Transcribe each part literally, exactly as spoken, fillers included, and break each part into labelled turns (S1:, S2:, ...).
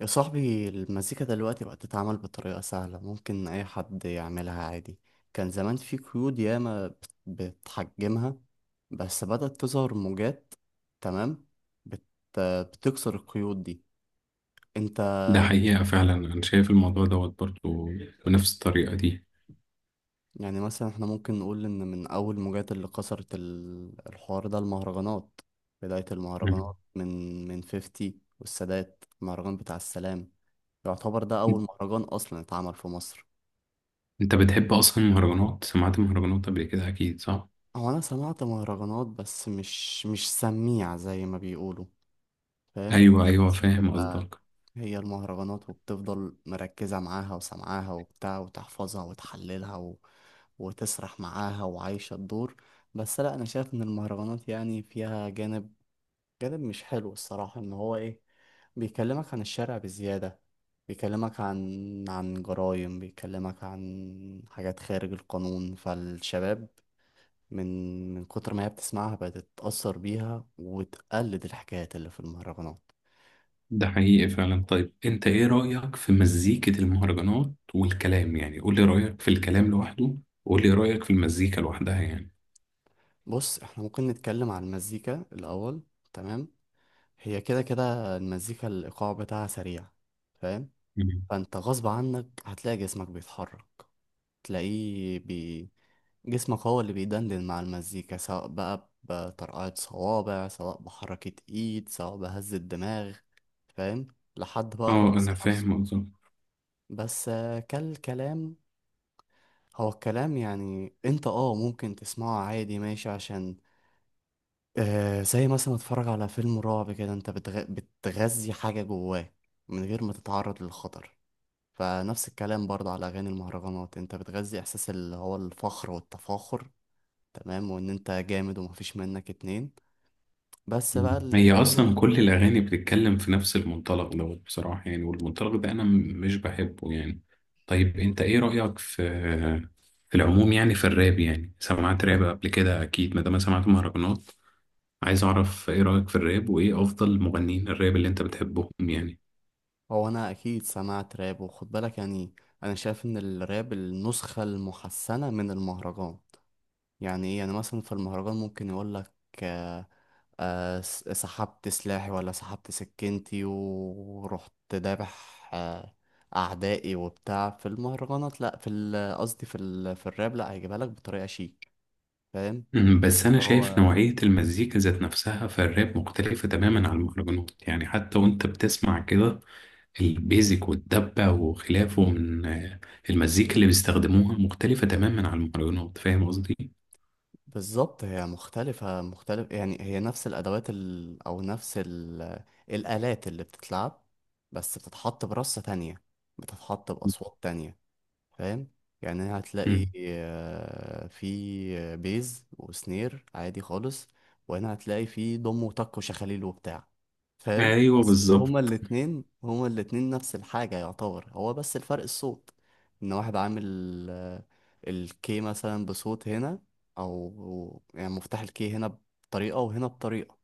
S1: يا صاحبي المزيكا دلوقتي بقت تتعمل بطريقة سهلة، ممكن أي حد يعملها عادي. كان زمان في قيود ياما بت- بتحجمها، بس بدأت تظهر موجات. تمام. بت... بتكسر القيود دي. انت
S2: ده حقيقة فعلا أنا شايف الموضوع دوت برضه بنفس الطريقة دي.
S1: يعني مثلا احنا ممكن نقول ان من أول موجات اللي كسرت ال- الحوار ده المهرجانات. بداية المهرجانات
S2: مم.
S1: من من خمسين. والسادات المهرجان بتاع السلام، يعتبر ده أول مهرجان أصلا اتعمل في مصر.
S2: أنت بتحب أصلا المهرجانات، سمعت مهرجانات قبل كده أكيد، صح؟
S1: هو انا سمعت مهرجانات بس مش مش سميع زي ما بيقولوا. فاهم.
S2: أيوه أيوه،
S1: بس
S2: فاهم
S1: بتبقى
S2: قصدك.
S1: هي المهرجانات، وبتفضل مركزة معاها وسمعاها وبتاع، وتحفظها وتحللها و... وتسرح معاها وعايشة الدور. بس لا، انا شايف ان المهرجانات يعني فيها جانب، جانب مش حلو الصراحة. ان هو ايه؟ بيكلمك عن الشارع بزيادة، بيكلمك عن عن جرائم، بيكلمك عن حاجات خارج القانون. فالشباب من من كتر ما هي بتسمعها بقت تتأثر بيها، وتقلد الحكايات اللي في المهرجانات.
S2: ده حقيقي فعلا. طيب أنت إيه رأيك في مزيكة المهرجانات والكلام؟ يعني قول لي رأيك في الكلام لوحده، وقول لي رأيك في المزيكا لوحدها يعني.
S1: بص، احنا ممكن نتكلم عن المزيكا الأول. تمام. هي كده كده المزيكا الإيقاع بتاعها سريع. فاهم.
S2: مم.
S1: فأنت غصب عنك هتلاقي جسمك بيتحرك، تلاقيه بي... جسمك هو اللي بيدندن مع المزيكا، سواء بقى بطرقعة صوابع، سواء بحركة ايد، سواء بهز الدماغ. فاهم. لحد بقى
S2: أه
S1: الرقص
S2: أنا
S1: نفسه.
S2: فاهم قصدك.
S1: بس آه، كالكلام، هو الكلام يعني انت اه ممكن تسمعه عادي ماشي، عشان آه زي مثلا اتفرج على فيلم رعب كده، انت بتغ... بتغذي حاجة جواك من غير ما تتعرض للخطر. فنفس الكلام برضه على أغاني المهرجانات، انت بتغذي احساس اللي هو الفخر والتفاخر، تمام، وان انت جامد ومفيش منك اتنين. بس بقى
S2: مم.
S1: ال-
S2: هي اصلا
S1: الجانب،
S2: كل الاغاني بتتكلم في نفس المنطلق دوت بصراحه يعني، والمنطلق ده انا م- مش بحبه يعني. طيب انت ايه رايك في في العموم؟ يعني في الراب، يعني سمعت راب قبل كده اكيد ما دام سمعت مهرجانات. عايز اعرف ايه رايك في الراب، وايه افضل مغنيين الراب اللي انت بتحبهم يعني.
S1: هو انا اكيد سمعت راب، وخد بالك يعني، انا شايف ان الراب النسخة المحسنة من المهرجان. يعني ايه؟ يعني مثلا في المهرجان ممكن يقولك آه، س- سحبت سلاحي، ولا سحبت سكينتي ورحت دابح آه، أعدائي وبتاع، في المهرجانات. لأ، في ال- قصدي في ال... في الراب لأ، هيجيبها لك بطريقة شيك. فاهم.
S2: مم، بس انا شايف
S1: هو
S2: نوعيه المزيكا ذات نفسها في الراب مختلفه تماما عن المهرجانات، يعني حتى وانت بتسمع كده البيزك والدبة وخلافه من آه، المزيكا اللي بيستخدموها مختلفة تماما عن المهرجانات، فاهم قصدي؟
S1: بالظبط هي مختلفة، مختلف يعني هي نفس الأدوات ال... أو نفس ال... الآلات اللي بتتلعب، بس بتتحط برصة تانية، بتتحط بأصوات تانية. فاهم. يعني هتلاقي
S2: مم.
S1: آه، في بيز وسنير عادي خالص، وهنا هتلاقي في ضم وتك وشخاليل وبتاع. فاهم.
S2: ايوه
S1: بس هما
S2: بالظبط.
S1: الاتنين هما الاتنين نفس الحاجة يعتبر، هو بس الفرق الصوت. ان واحد عامل آه، الكي مثلا بصوت هنا، او يعني مفتاح الكي هنا بطريقة، وهنا بطريقة.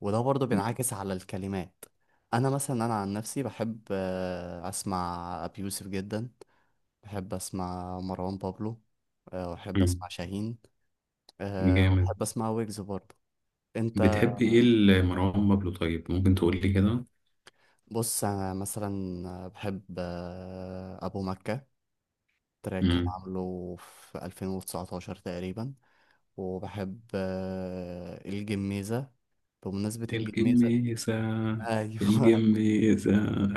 S1: وده برضه بينعكس على الكلمات. انا مثلا انا عن نفسي بحب آه، اسمع ابي يوسف جدا. بحب اسمع مروان بابلو، آه، وأحب
S2: مم.
S1: أسمع شاهين، آه،
S2: جامد.
S1: وبحب أسمع ويجز برضه. أنت
S2: بتحب ايه لمروان بابلو؟ طيب ممكن تقول لي كده.
S1: بص، أنا مثلا بحب آه، أبو مكة. تراك كان
S2: مم.
S1: عامله في ألفين وتسعة عشر تقريبا. وبحب آه، الجميزة. بمناسبة الجميزة.
S2: الجميسة.
S1: أيوه.
S2: الجميسة.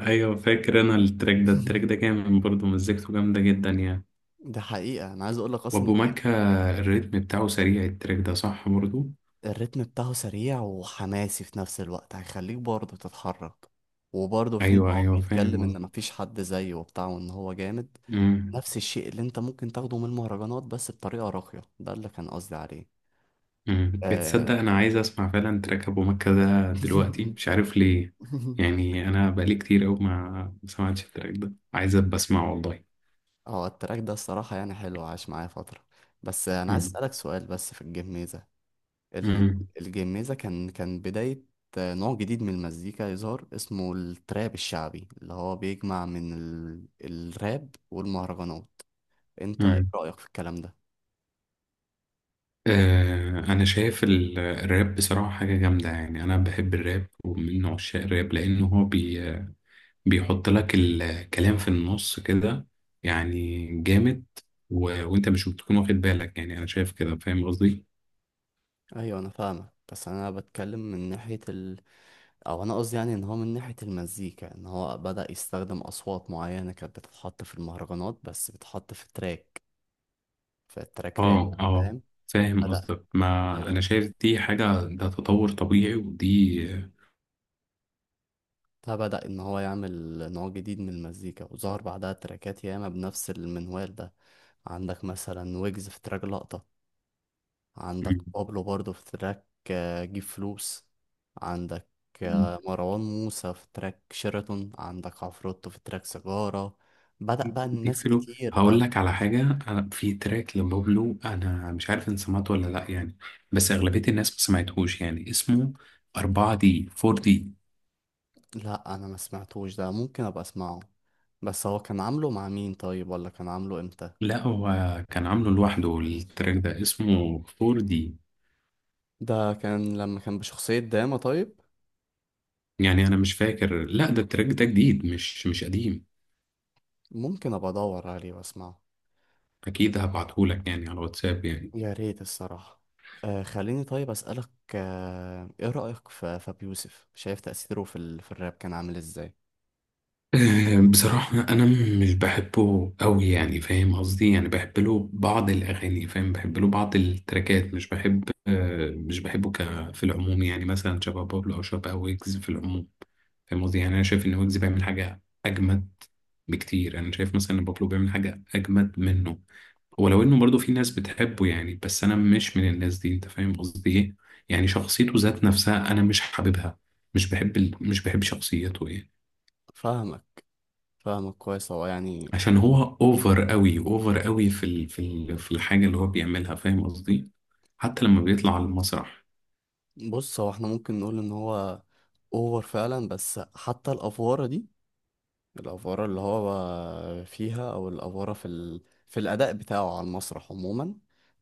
S2: ايوه فاكر انا التراك ده، التراك ده جامد برضه، مزيكته جامدة جدا يعني.
S1: ده حقيقة أنا عايز أقول لك أصلا،
S2: وابو مكة، الريتم بتاعه سريع التراك ده، صح برضه؟
S1: الريتم بتاعه سريع وحماسي في نفس الوقت، هيخليك برضه تتحرك. وبرضه في ان
S2: ايوه
S1: هو
S2: ايوه، فاهم
S1: بيتكلم ان مفيش حد زيه وبتاع، وان هو جامد.
S2: قصدك.
S1: نفس الشيء اللي انت ممكن تاخده من المهرجانات، بس بطريقة راقية. ده اللي كان قصدي عليه.
S2: مم.
S1: آه.
S2: بتصدق انا عايز اسمع فعلا تراك ابو مكة ده دلوقتي، مش عارف ليه. يعني انا بقالي كتير قوي ما ما سمعتش التراك ده، عايز ابقى اسمعه والله.
S1: هو التراك ده الصراحة يعني حلو، عاش معايا فترة. بس انا عايز
S2: مم.
S1: اسألك سؤال. بس في الجيم ميزة، ال-
S2: مم.
S1: الجميزة، كان كان بداية نوع جديد من المزيكا يظهر، اسمه التراب الشعبي، اللي هو بيجمع من ال... الراب والمهرجانات. انت ايه
S2: مم.
S1: رأيك في الكلام ده؟
S2: آه انا شايف ال- الراب بصراحة حاجة جامدة يعني، انا بحب الراب ومن عشاق الراب، لانه هو بي بيحط لك الكلام في النص كده، يعني جامد. و... وانت مش بتكون واخد بالك يعني، انا شايف كده، فاهم قصدي؟
S1: ايوه، انا فاهمك، بس انا بتكلم من ناحية ال... او انا قصدي يعني ان هو من ناحية المزيكا، ان هو بدأ يستخدم اصوات معينة كانت بتتحط في المهرجانات، بس بتتحط في تراك، في تراك راب.
S2: اه اه،
S1: فاهم؟
S2: فاهم
S1: بدأ
S2: قصدك، ما
S1: بدأ
S2: انا شايف دي حاجة، ده تطور طبيعي ودي.
S1: فبدأ إن هو يعمل نوع جديد من المزيكا، وظهر بعدها تراكات ياما بنفس المنوال ده. عندك مثلا ويجز في تراك لقطة، عندك بابلو برضه في تراك آه، جيب فلوس، عندك
S2: مم.
S1: آه، مروان موسى في تراك شيراتون، عندك عفروتو في تراك سيجارة. بدأ بقى
S2: دي
S1: الناس
S2: فلو.
S1: كتير أوي.
S2: هقول لك على حاجة. أنا في تراك لبابلو أنا مش عارف إن سمعته ولا لأ يعني، بس أغلبية الناس ما سمعتهوش يعني، اسمه فور دي. فور دي.
S1: لا، أنا ما سمعتوش ده، ممكن أبقى أسمعه. بس هو كان عامله مع مين طيب؟ ولا كان عامله إمتى؟
S2: لا هو كان عامله لوحده، التراك ده اسمه فور دي
S1: ده كان لما كان بشخصية داما طيب.
S2: يعني. أنا مش فاكر، لا ده التراك ده جديد، مش مش قديم.
S1: ممكن أبقى أدور عليه وأسمعه.
S2: أكيد هبعتهولك يعني على واتساب يعني.
S1: يا ريت الصراحة. آه خليني طيب أسألك، آه إيه رأيك في فابي يوسف؟ شايف تأثيره في, ال... في الراب كان عامل إزاي؟
S2: أه، بصراحة أنا مش بحبه أوي يعني، فاهم قصدي؟ يعني بحب له بعض الأغاني، فاهم، بحب له بعض التراكات، مش بحب آه، مش بحبه، ك في العموم يعني مثلا شبه بابلو أو شبه ويجز في العموم، فاهم قصدي؟ يعني أنا شايف إن ويجز بيعمل حاجة أجمد بكتير، أنا شايف مثلا إن بابلو بيعمل حاجة أجمد منه، ولو إنه برضه في ناس بتحبه يعني، بس أنا مش من الناس دي، أنت فاهم قصدي إيه. يعني شخصيته ذات نفسها أنا مش حاببها، مش بحب ال... مش بحب شخصيته يعني.
S1: فاهمك. فاهمك كويس. هو يعني
S2: عشان هو اوفر قوي، اوفر قوي في ال... في ال... في الحاجه اللي هو بيعملها، فاهم قصدي؟ حتى لما بيطلع على المسرح.
S1: بص، هو احنا ممكن نقول إن هو أوفر فعلا، بس حتى الأفوارة دي، الأفورة اللي هو فيها، أو الأفورة في ال... في الأداء بتاعه على المسرح عموما،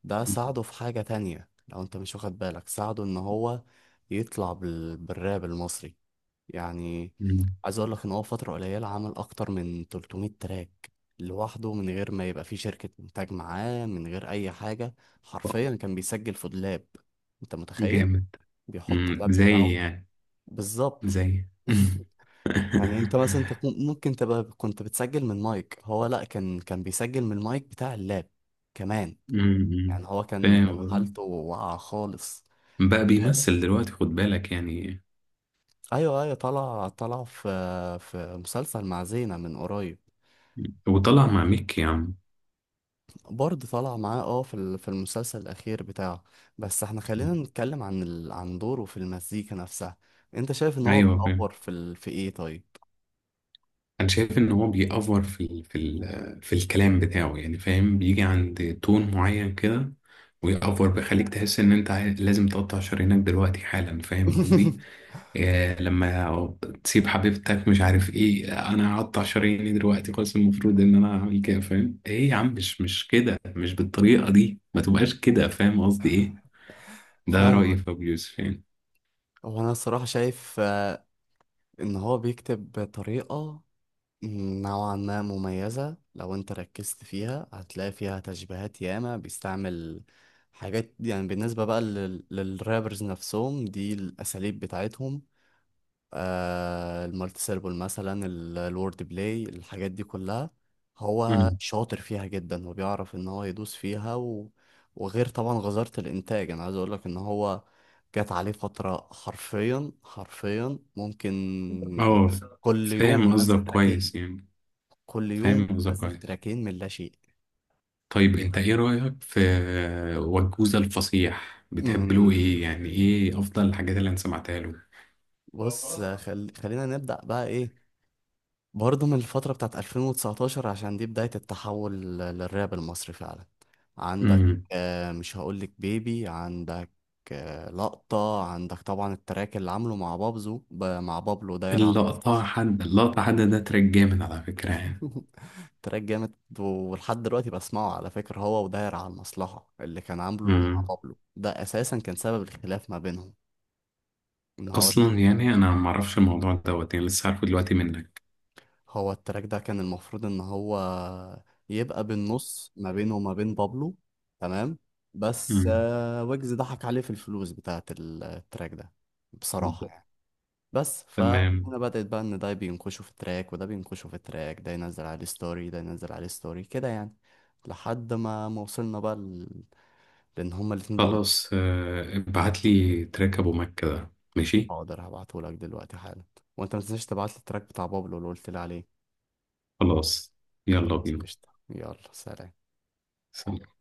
S1: ده ساعده في حاجة تانية لو أنت مش واخد بالك. ساعده إن هو يطلع بال... بالراب المصري. يعني
S2: مم.
S1: عايز أقول لك إن هو فترة قليلة عمل أكتر من ثلاثمائة تراك لوحده، من غير ما يبقى فيه شركة إنتاج معاه، من غير أي حاجة. حرفيا كان بيسجل في دولاب. أنت متخيل؟
S2: جامد.
S1: بيحط
S2: مم.
S1: اللاب
S2: زي
S1: بتاعه.
S2: يعني،
S1: بالظبط.
S2: زي
S1: يعني انت مثلا انت كون- ممكن تبقى كنت بتسجل من مايك. هو لا، كان كان بيسجل من المايك بتاع اللاب كمان.
S2: مم.
S1: يعني هو كان
S2: فاهم
S1: كان
S2: قصدي،
S1: حالته واقعة خالص.
S2: بقى بيمثل دلوقتي خد بالك يعني.
S1: ايوه ايوه، طلع طلع في في مسلسل مع زينة من قريب.
S2: وطلع مع ميكي يا عم.
S1: برضه طلع معاه اه في ال- في المسلسل الاخير بتاعه. بس احنا خلينا نتكلم عن ال... عن دوره في المزيكا نفسها. انت شايف ان هو
S2: ايوه فاهم،
S1: بيتطور في ال... في ايه طيب؟
S2: انا شايف ان هو بيأفور في ال في ال في الكلام بتاعه يعني، فاهم، بيجي عند تون معين كده ويأفور، بيخليك تحس ان انت عايز- لازم تقطع شرايينك دلوقتي حالا، فاهم قصدي؟ إيه لما تسيب حبيبتك، مش عارف ايه، انا هقطع شراييني دلوقتي خلاص، المفروض ان انا اعمل كده؟ فاهم ايه يا عم، مش مش كده، مش بالطريقة دي، ما تبقاش كده، فاهم قصدي ايه؟ ده رأيي
S1: فاهمك.
S2: في ابو يوسف يعني.
S1: هو انا الصراحة شايف آه، ان هو بيكتب بطريقة نوعا ما مميزة، لو انت ركزت فيها هتلاقي فيها تشبيهات ياما بيستعمل. حاجات يعني بالنسبة بقى لل... للرابرز نفسهم، دي الأساليب بتاعتهم. آه المالتي سيربل مثلا، ال- الورد بلاي، الحاجات دي كلها هو
S2: مم.
S1: شاطر فيها جدا، وبيعرف ان هو يدوس فيها و... وغير طبعا غزارة الإنتاج. أنا عايز أقولك إن هو جات عليه فترة، حرفيا حرفيا ممكن
S2: اه
S1: كل يوم
S2: فاهم
S1: ينزل
S2: قصدك
S1: تراكين.
S2: كويس يعني،
S1: كل يوم
S2: فاهم قصدك
S1: نزل
S2: كويس.
S1: تراكين من لا شيء.
S2: طيب انت ايه رأيك في وجوزة الفصيح؟ بتحب له
S1: أمم،
S2: ايه يعني؟ ايه افضل الحاجات اللي انا سمعتها له؟
S1: بص خل... خلينا نبدأ بقى ايه، برضه من الفترة بتاعت ألفين وتسعة عشر، عشان دي بداية التحول لل- للراب المصري فعلا. عندك
S2: امم.
S1: آه، مش هقولك بيبي. عندك آه لقطة. عندك طبعا التراك اللي عامله مع بابزو ب... مع بابلو، دايرة على
S2: اللقطة
S1: المصلحة.
S2: حد، اللقطة حد ده تراك جامد على فكرة يعني.
S1: تراك جامد، ولحد دلوقتي بسمعه على فكرة. هو وداير على المصلحة اللي كان عامله مع
S2: امم.
S1: بابلو ده، أساسا كان سبب الخلاف ما بينهم. ان هو
S2: اصلا يعني انا ما اعرفش الموضوع دوت يعني، لسه عارفه دلوقتي منك.
S1: هو التراك ده كان المفروض ان هو يبقى بالنص ما بينه وما بين بابلو. تمام. بس
S2: امم.
S1: آه، ويجز ضحك عليه في الفلوس بتاعت ال- التراك ده، بصراحة يعني. بس
S2: تمام.
S1: فهنا بدأت بقى، ان ده بينكشوا في التراك، وده بينكشوا في التراك، ده ينزل عليه ستوري، ده ينزل عليه ستوري كده يعني، لحد ما ما وصلنا بقى ل... لان هما الاتنين بقوا.
S2: خلاص آه، ابعت لي تراك ابو مكة ده ماشي.
S1: حاضر، هبعتهولك دلوقتي حالا. وانت ما تنساش تبعت لي التراك بتاع بابلو اللي قلت لي عليه.
S2: خلاص، يلا
S1: خلاص
S2: بينا.
S1: قشطة، يلا سلام.
S2: سلام.